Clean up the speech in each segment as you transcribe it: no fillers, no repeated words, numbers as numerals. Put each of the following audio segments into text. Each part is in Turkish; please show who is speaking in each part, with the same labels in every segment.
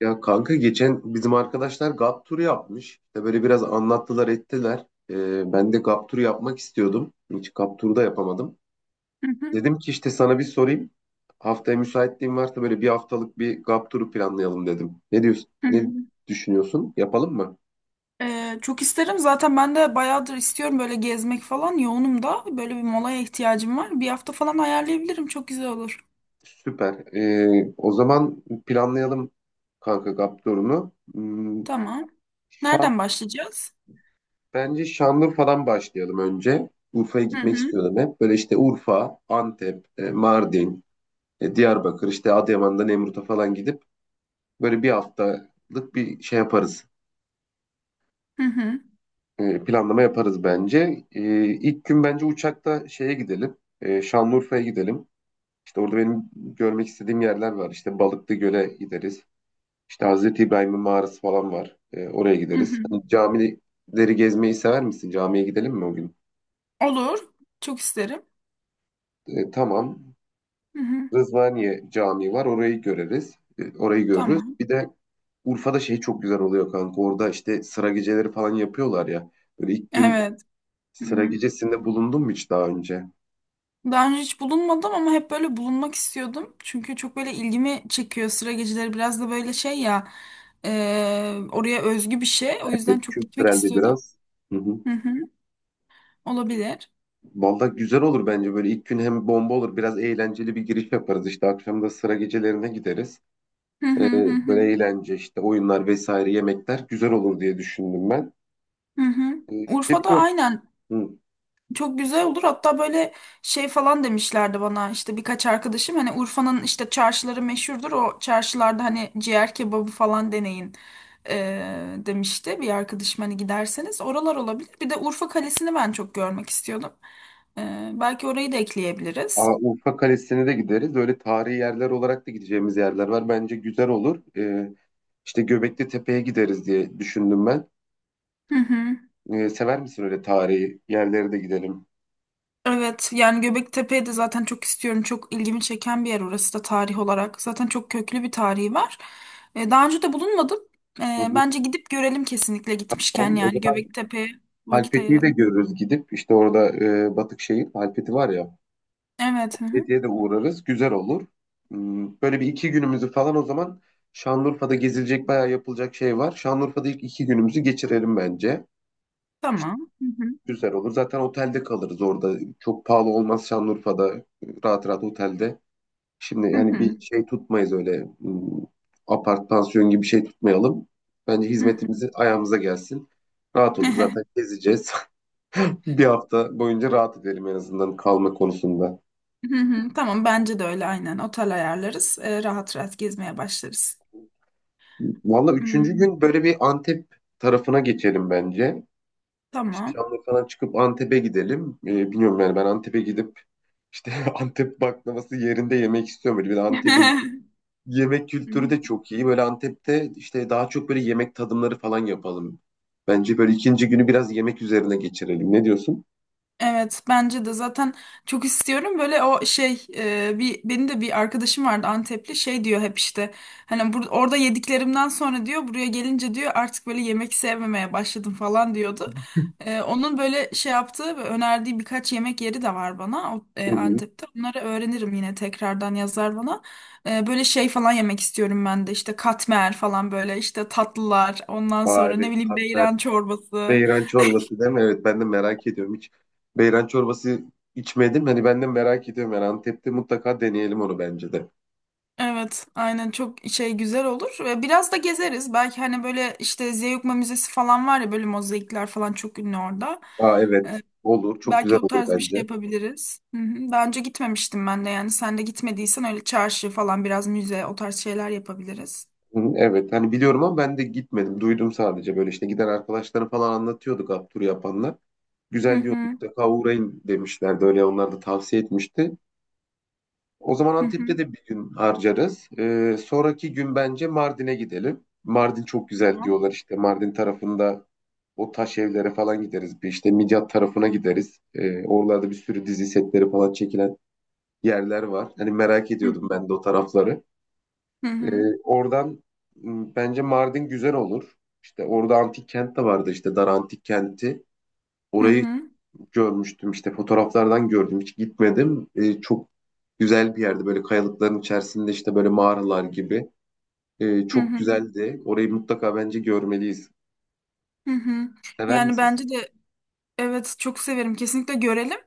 Speaker 1: Ya kanka geçen bizim arkadaşlar GAP turu yapmış. İşte böyle biraz anlattılar ettiler. Ben de GAP turu yapmak istiyordum. Hiç GAP turu da yapamadım.
Speaker 2: Hı hı,
Speaker 1: Dedim ki işte sana bir sorayım. Haftaya müsaitliğin varsa böyle bir haftalık bir GAP turu planlayalım dedim. Ne diyorsun?
Speaker 2: hı
Speaker 1: Ne
Speaker 2: hı.
Speaker 1: düşünüyorsun? Yapalım mı?
Speaker 2: Çok isterim. Zaten ben de bayağıdır istiyorum böyle gezmek falan. Yoğunum da. Böyle bir molaya ihtiyacım var. Bir hafta falan ayarlayabilirim. Çok güzel olur.
Speaker 1: Süper. O zaman planlayalım kanka GAP turunu.
Speaker 2: Tamam.
Speaker 1: Şam,
Speaker 2: Nereden başlayacağız?
Speaker 1: bence Şanlıurfa'dan başlayalım önce. Urfa'ya
Speaker 2: Hı
Speaker 1: gitmek
Speaker 2: hı,
Speaker 1: istiyordum hep. Böyle işte Urfa, Antep, Mardin, Diyarbakır, işte Adıyaman'da Nemrut'a falan gidip böyle bir haftalık bir şey yaparız.
Speaker 2: hı hı,
Speaker 1: Planlama yaparız bence. E, ilk gün bence uçakta şeye gidelim. Şanlıurfa'ya gidelim. İşte orada benim görmek istediğim yerler var. İşte Balıklı Göl'e gideriz. İşte Hazreti İbrahim'in mağarası falan var. Oraya
Speaker 2: hı
Speaker 1: gideriz.
Speaker 2: hı.
Speaker 1: Hani camileri gezmeyi sever misin? Camiye gidelim mi o gün?
Speaker 2: Olur. Çok isterim.
Speaker 1: Tamam.
Speaker 2: Hı hı.
Speaker 1: Rızvaniye Camii var. Orayı göreriz. Orayı görürüz.
Speaker 2: Tamam.
Speaker 1: Bir de Urfa'da şey çok güzel oluyor kanka. Orada işte sıra geceleri falan yapıyorlar ya. Böyle ilk gün
Speaker 2: Evet. Hı
Speaker 1: sıra
Speaker 2: hı.
Speaker 1: gecesinde bulundum mu hiç daha önce?
Speaker 2: Daha önce hiç bulunmadım ama hep böyle bulunmak istiyordum. Çünkü çok böyle ilgimi çekiyor sıra geceleri. Biraz da böyle şey ya oraya özgü bir şey. O yüzden
Speaker 1: Evet,
Speaker 2: çok gitmek
Speaker 1: kültürelde
Speaker 2: istiyordum.
Speaker 1: biraz. Hı hı.
Speaker 2: Hı hı. Olabilir.
Speaker 1: Vallahi güzel olur bence böyle ilk gün hem bomba olur, biraz eğlenceli bir giriş yaparız, işte akşam da sıra gecelerine gideriz.
Speaker 2: Hı hı
Speaker 1: Ee,
Speaker 2: hı hı.
Speaker 1: böyle eğlence işte oyunlar vesaire yemekler güzel olur diye düşündüm ben.
Speaker 2: Hı hı.
Speaker 1: Bir de
Speaker 2: Urfa'da
Speaker 1: biliyorum
Speaker 2: aynen
Speaker 1: hı.
Speaker 2: çok güzel olur. Hatta böyle şey falan demişlerdi bana işte birkaç arkadaşım hani Urfa'nın işte çarşıları meşhurdur. O çarşılarda hani ciğer kebabı falan deneyin demişti bir arkadaşım hani giderseniz oralar olabilir. Bir de Urfa Kalesi'ni ben çok görmek istiyordum. Belki orayı da ekleyebiliriz.
Speaker 1: Aa, Urfa Kalesi'ne de gideriz, öyle tarihi yerler olarak da gideceğimiz yerler var, bence güzel olur. İşte Göbekli Tepe'ye gideriz diye düşündüm ben.
Speaker 2: Hı hı.
Speaker 1: Sever misin, öyle tarihi yerlere de gidelim?
Speaker 2: Evet yani Göbektepe'yi de zaten çok istiyorum. Çok ilgimi çeken bir yer orası da tarih olarak. Zaten çok köklü bir tarihi var. Daha önce de bulunmadım.
Speaker 1: Hı hı.
Speaker 2: Bence gidip görelim, kesinlikle gitmişken
Speaker 1: Tamam, o
Speaker 2: yani
Speaker 1: zaman
Speaker 2: Göbektepe'ye vakit
Speaker 1: Halfeti'yi de
Speaker 2: ayıralım.
Speaker 1: görürüz gidip işte orada, Batıkşehir Halfeti var ya.
Speaker 2: Evet. Hı hı.
Speaker 1: Halfeti'ye de uğrarız. Güzel olur. Böyle bir iki günümüzü falan, o zaman Şanlıurfa'da gezilecek bayağı yapılacak şey var. Şanlıurfa'da ilk iki günümüzü geçirelim bence.
Speaker 2: Tamam. Hı hı.
Speaker 1: Güzel olur. Zaten otelde kalırız orada. Çok pahalı olmaz Şanlıurfa'da. Rahat rahat otelde. Şimdi
Speaker 2: Hı
Speaker 1: yani bir
Speaker 2: hı.
Speaker 1: şey tutmayız öyle, apart pansiyon gibi bir şey tutmayalım. Bence
Speaker 2: Hı hı.
Speaker 1: hizmetimizi ayağımıza gelsin. Rahat olur zaten gezeceğiz. Bir hafta boyunca rahat edelim en azından kalma konusunda.
Speaker 2: Hı hı. Tamam, bence de öyle aynen. Otel ayarlarız. Rahat rahat gezmeye başlarız.
Speaker 1: Valla üçüncü
Speaker 2: Hmm,
Speaker 1: gün böyle bir Antep tarafına geçelim bence. İşte
Speaker 2: tamam.
Speaker 1: Şanlıurfa'dan çıkıp Antep'e gidelim. Bilmiyorum yani, ben Antep'e gidip işte Antep baklavası yerinde yemek istiyorum. Böyle bir de Antep'in yemek kültürü de çok iyi. Böyle Antep'te işte daha çok böyle yemek tadımları falan yapalım. Bence böyle ikinci günü biraz yemek üzerine geçirelim. Ne diyorsun?
Speaker 2: Evet, bence de zaten çok istiyorum böyle o şey bir benim de bir arkadaşım vardı Antepli, şey diyor hep işte hani orada yediklerimden sonra diyor buraya gelince diyor artık böyle yemek sevmemeye başladım falan diyordu. E, onun böyle şey yaptığı ve önerdiği birkaç yemek yeri de var bana
Speaker 1: Hı hı.
Speaker 2: Antep'te onları öğrenirim, yine tekrardan yazar bana. E, böyle şey falan yemek istiyorum ben de işte katmer falan, böyle işte tatlılar, ondan
Speaker 1: Aa,
Speaker 2: sonra ne
Speaker 1: evet,
Speaker 2: bileyim
Speaker 1: katmer.
Speaker 2: beyran çorbası.
Speaker 1: Beyran çorbası değil mi? Evet, ben de merak ediyorum. Hiç beyran çorbası içmedim. Hani ben de merak ediyorum. Yani Antep'te mutlaka deneyelim onu bence de.
Speaker 2: Evet, aynen çok şey güzel olur ve biraz da gezeriz. Belki hani böyle işte Zeugma Müzesi falan var ya, böyle mozaikler falan çok ünlü orada.
Speaker 1: Aa, evet olur. Çok güzel
Speaker 2: Belki o
Speaker 1: olur
Speaker 2: tarz bir şey
Speaker 1: bence.
Speaker 2: yapabiliriz. Hı hı. Daha önce gitmemiştim ben de, yani sen de gitmediysen öyle çarşı falan, biraz müze, o tarz şeyler yapabiliriz.
Speaker 1: Hı hı, evet hani biliyorum ama ben de gitmedim. Duydum sadece, böyle işte giden arkadaşları falan anlatıyorduk Abdur yapanlar.
Speaker 2: Hı
Speaker 1: Güzel diyor,
Speaker 2: hı
Speaker 1: mutlaka uğrayın demişlerdi. Öyle onlar da tavsiye etmişti. O zaman
Speaker 2: hı hı.
Speaker 1: Antep'te de bir gün harcarız. Sonraki gün bence Mardin'e gidelim. Mardin çok güzel
Speaker 2: Tamam.
Speaker 1: diyorlar işte. Mardin tarafında o taş evlere falan gideriz. Bir işte Midyat tarafına gideriz. Oralarda bir sürü dizi setleri falan çekilen yerler var. Hani merak
Speaker 2: Hı
Speaker 1: ediyordum ben de o tarafları.
Speaker 2: hı
Speaker 1: Ee,
Speaker 2: hı
Speaker 1: oradan bence Mardin güzel olur. İşte orada antik kent de vardı, işte Dar Antik Kenti.
Speaker 2: hı
Speaker 1: Orayı
Speaker 2: hı
Speaker 1: görmüştüm, işte fotoğraflardan gördüm, hiç gitmedim. Çok güzel bir yerde, böyle kayalıkların içerisinde, işte böyle mağaralar gibi. Çok
Speaker 2: hı
Speaker 1: güzeldi. Orayı mutlaka bence görmeliyiz.
Speaker 2: hı hı.
Speaker 1: Sever
Speaker 2: Yani
Speaker 1: misiniz?
Speaker 2: bence de evet, çok severim, kesinlikle görelim.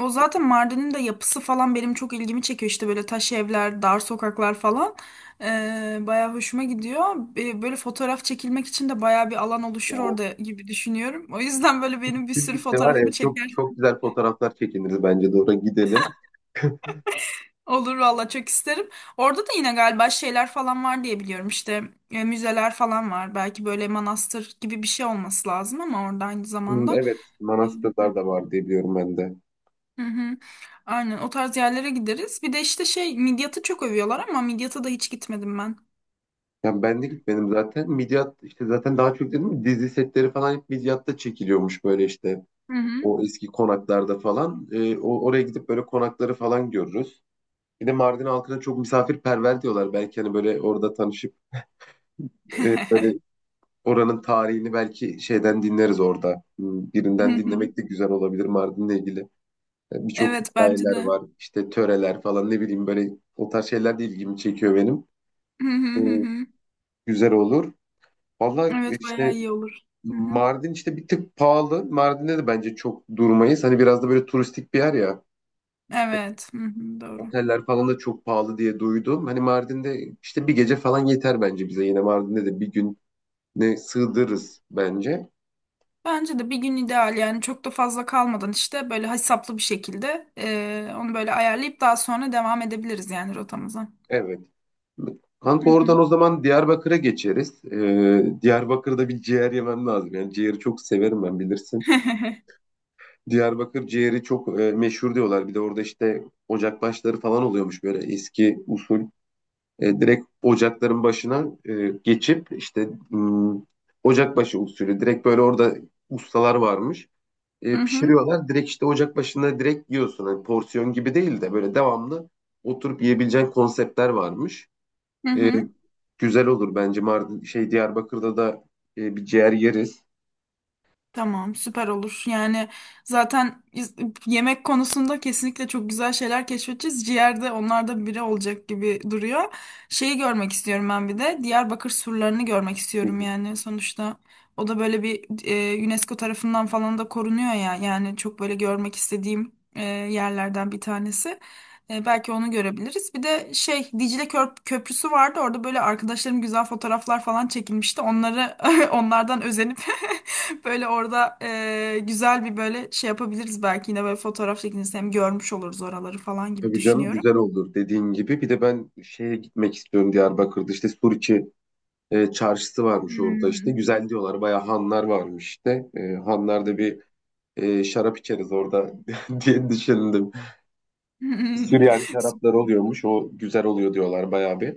Speaker 2: O zaten Mardin'in de yapısı falan benim çok ilgimi çekiyor işte böyle taş evler, dar sokaklar falan. Bayağı hoşuma gidiyor. Böyle fotoğraf çekilmek için de bayağı bir alan oluşur
Speaker 1: O
Speaker 2: orada gibi düşünüyorum. O yüzden böyle benim bir sürü
Speaker 1: birlikte var ya,
Speaker 2: fotoğrafımı
Speaker 1: çok
Speaker 2: çeker.
Speaker 1: çok güzel fotoğraflar çekiniriz, bence de oraya gidelim.
Speaker 2: Olur valla, çok isterim. Orada da yine galiba şeyler falan var diye biliyorum işte müzeler falan var. Belki böyle manastır gibi bir şey olması lazım ama orada aynı
Speaker 1: Hmm,
Speaker 2: zamanda.
Speaker 1: evet, manastırlar da var diye biliyorum ben de.
Speaker 2: Hı hı. Aynen, o tarz yerlere gideriz. Bir de işte şey Midyat'ı çok övüyorlar ama Midyat'a da hiç gitmedim ben.
Speaker 1: Yani ben de gitmedim zaten. Midyat işte zaten daha çok dedim ya, dizi setleri falan hep Midyat'ta çekiliyormuş böyle işte.
Speaker 2: Hı hı.
Speaker 1: O eski konaklarda falan. Oraya gidip böyle konakları falan görürüz. Bir de Mardin halkına çok misafirperver diyorlar. Belki hani böyle orada tanışıp, böyle oranın tarihini belki şeyden dinleriz orada. Hmm,
Speaker 2: Hı
Speaker 1: Birinden
Speaker 2: hı.
Speaker 1: dinlemek de güzel olabilir Mardin'le ilgili. Yani birçok
Speaker 2: Evet, bence
Speaker 1: hikayeler
Speaker 2: de.
Speaker 1: var. İşte töreler falan, ne bileyim, böyle o tarz şeyler de ilgimi çekiyor benim.
Speaker 2: Hı hı
Speaker 1: E,
Speaker 2: hı hı.
Speaker 1: güzel olur. Valla
Speaker 2: Evet, bayağı
Speaker 1: işte
Speaker 2: iyi olur. Hı hı.
Speaker 1: Mardin işte bir tık pahalı. Mardin'de de bence çok durmayız. Hani biraz da böyle turistik bir yer ya.
Speaker 2: Evet, hı hı, doğru.
Speaker 1: Oteller falan da çok pahalı diye duydum. Hani Mardin'de işte bir gece falan yeter bence bize. Yine Mardin'de de bir gün ne sığdırırız bence.
Speaker 2: Bence de bir gün ideal, yani çok da fazla kalmadan işte böyle hesaplı bir şekilde onu böyle ayarlayıp daha sonra devam edebiliriz yani rotamıza.
Speaker 1: Evet.
Speaker 2: Hı
Speaker 1: Kanka oradan
Speaker 2: hı.
Speaker 1: o zaman Diyarbakır'a geçeriz. Diyarbakır'da bir ciğer yemem lazım. Yani ciğeri çok severim ben, bilirsin. Diyarbakır ciğeri çok meşhur diyorlar. Bir de orada işte ocakbaşları falan oluyormuş, böyle eski usul. Direkt ocakların başına geçip işte, ocakbaşı usulü. Direkt böyle orada ustalar varmış.
Speaker 2: Hı
Speaker 1: e,
Speaker 2: hı.
Speaker 1: pişiriyorlar. Direkt işte ocak başında direkt yiyorsun. Hani porsiyon gibi değil de böyle devamlı oturup yiyebileceğin konseptler varmış.
Speaker 2: Hı
Speaker 1: E,
Speaker 2: hı.
Speaker 1: güzel olur bence Mardin şey Diyarbakır'da da bir ciğer yeriz.
Speaker 2: Tamam, süper olur. Yani zaten yemek konusunda kesinlikle çok güzel şeyler keşfedeceğiz. Ciğer de onlarda biri olacak gibi duruyor. Şeyi görmek istiyorum ben bir de. Diyarbakır surlarını görmek
Speaker 1: Hı
Speaker 2: istiyorum
Speaker 1: hı.
Speaker 2: yani sonuçta. O da böyle bir UNESCO tarafından falan da korunuyor ya. Yani çok böyle görmek istediğim yerlerden bir tanesi. E, belki onu görebiliriz. Bir de şey Dicle Köprüsü vardı. Orada böyle arkadaşlarım güzel fotoğraflar falan çekilmişti. Onları onlardan özenip böyle orada güzel bir böyle şey yapabiliriz belki, yine böyle fotoğraf çekilirse hem görmüş oluruz oraları falan gibi
Speaker 1: Tabii canım,
Speaker 2: düşünüyorum.
Speaker 1: güzel olur dediğin gibi. Bir de ben şeye gitmek istiyorum, Diyarbakır'da işte Suriçi çarşısı varmış orada işte. Güzel diyorlar, bayağı hanlar varmış işte. Hanlarda bir şarap içeriz orada diye düşündüm.
Speaker 2: Hmm.
Speaker 1: Süryani şaraplar oluyormuş, o güzel oluyor diyorlar bayağı bir.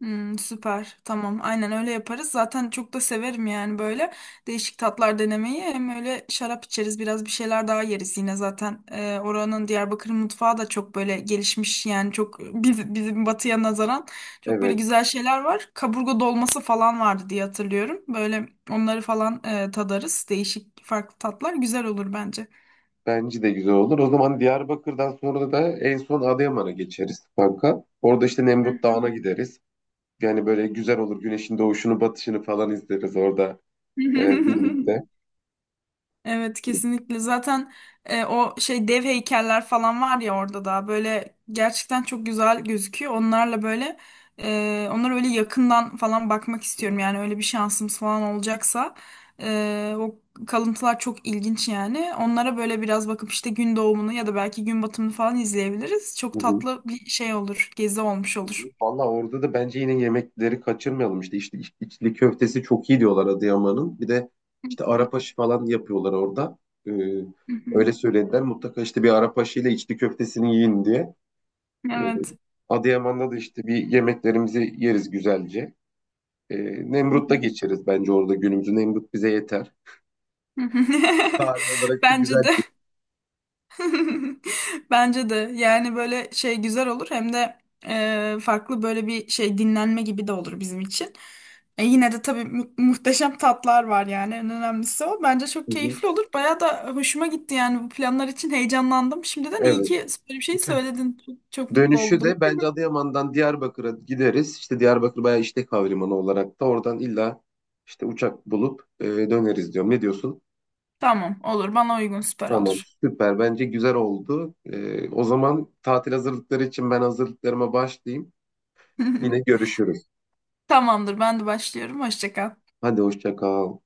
Speaker 2: Hmm, süper. Tamam. Aynen öyle yaparız. Zaten çok da severim yani böyle değişik tatlar denemeyi. Hem öyle şarap içeriz, biraz bir şeyler daha yeriz yine zaten. Oranın Diyarbakır mutfağı da çok böyle gelişmiş yani çok bizim batıya nazaran çok böyle
Speaker 1: Evet.
Speaker 2: güzel şeyler var. Kaburga dolması falan vardı diye hatırlıyorum. Böyle onları falan tadarız. Değişik farklı tatlar güzel olur bence.
Speaker 1: Bence de güzel olur. O zaman Diyarbakır'dan sonra da en son Adıyaman'a geçeriz kanka. Orada işte Nemrut Dağı'na gideriz. Yani böyle güzel olur. Güneşin doğuşunu, batışını falan izleriz orada birlikte.
Speaker 2: Evet, kesinlikle zaten o şey dev heykeller falan var ya, orada da böyle gerçekten çok güzel gözüküyor. Onlarla böyle onlara öyle yakından falan bakmak istiyorum yani, öyle bir şansımız falan olacaksa. O kalıntılar çok ilginç yani. Onlara böyle biraz bakıp işte gün doğumunu ya da belki gün batımını falan izleyebiliriz.
Speaker 1: Hı
Speaker 2: Çok
Speaker 1: hı.
Speaker 2: tatlı bir şey olur, gezi olmuş olur.
Speaker 1: Valla orada da bence yine yemekleri kaçırmayalım. İşte içli köftesi çok iyi diyorlar Adıyaman'ın. Bir de
Speaker 2: Hı
Speaker 1: işte
Speaker 2: hı,
Speaker 1: Arap aşı falan yapıyorlar orada. Ee,
Speaker 2: hı hı.
Speaker 1: öyle söylediler. Mutlaka işte bir Arap aşıyla içli köftesini yiyin diye. Ee,
Speaker 2: Evet.
Speaker 1: Adıyaman'da da işte bir yemeklerimizi yeriz güzelce. E,
Speaker 2: Hı
Speaker 1: Nemrut'ta
Speaker 2: hı.
Speaker 1: geçeriz bence orada günümüzü. Nemrut bize yeter. Tarih olarak da
Speaker 2: Bence
Speaker 1: güzel
Speaker 2: de.
Speaker 1: bir...
Speaker 2: Bence de yani böyle şey güzel olur, hem de farklı böyle bir şey, dinlenme gibi de olur bizim için. E, yine de tabii muhteşem tatlar var yani, en önemlisi o. Bence çok
Speaker 1: Hı hı.
Speaker 2: keyifli olur. Bayağı da hoşuma gitti yani, bu planlar için heyecanlandım. Şimdiden iyi
Speaker 1: Evet.
Speaker 2: ki böyle bir şey söyledin. Çok, çok mutlu
Speaker 1: Dönüşü
Speaker 2: oldum.
Speaker 1: de bence Adıyaman'dan Diyarbakır'a gideriz. İşte Diyarbakır bayağı işlek havalimanı olarak da oradan illa işte uçak bulup döneriz diyorum. Ne diyorsun?
Speaker 2: Tamam, olur bana uygun, süper
Speaker 1: Tamam,
Speaker 2: olur.
Speaker 1: süper, bence güzel oldu. O zaman tatil hazırlıkları için ben hazırlıklarıma başlayayım. Yine görüşürüz.
Speaker 2: Tamamdır, ben de başlıyorum. Hoşça kal.
Speaker 1: Hadi hoşça kal.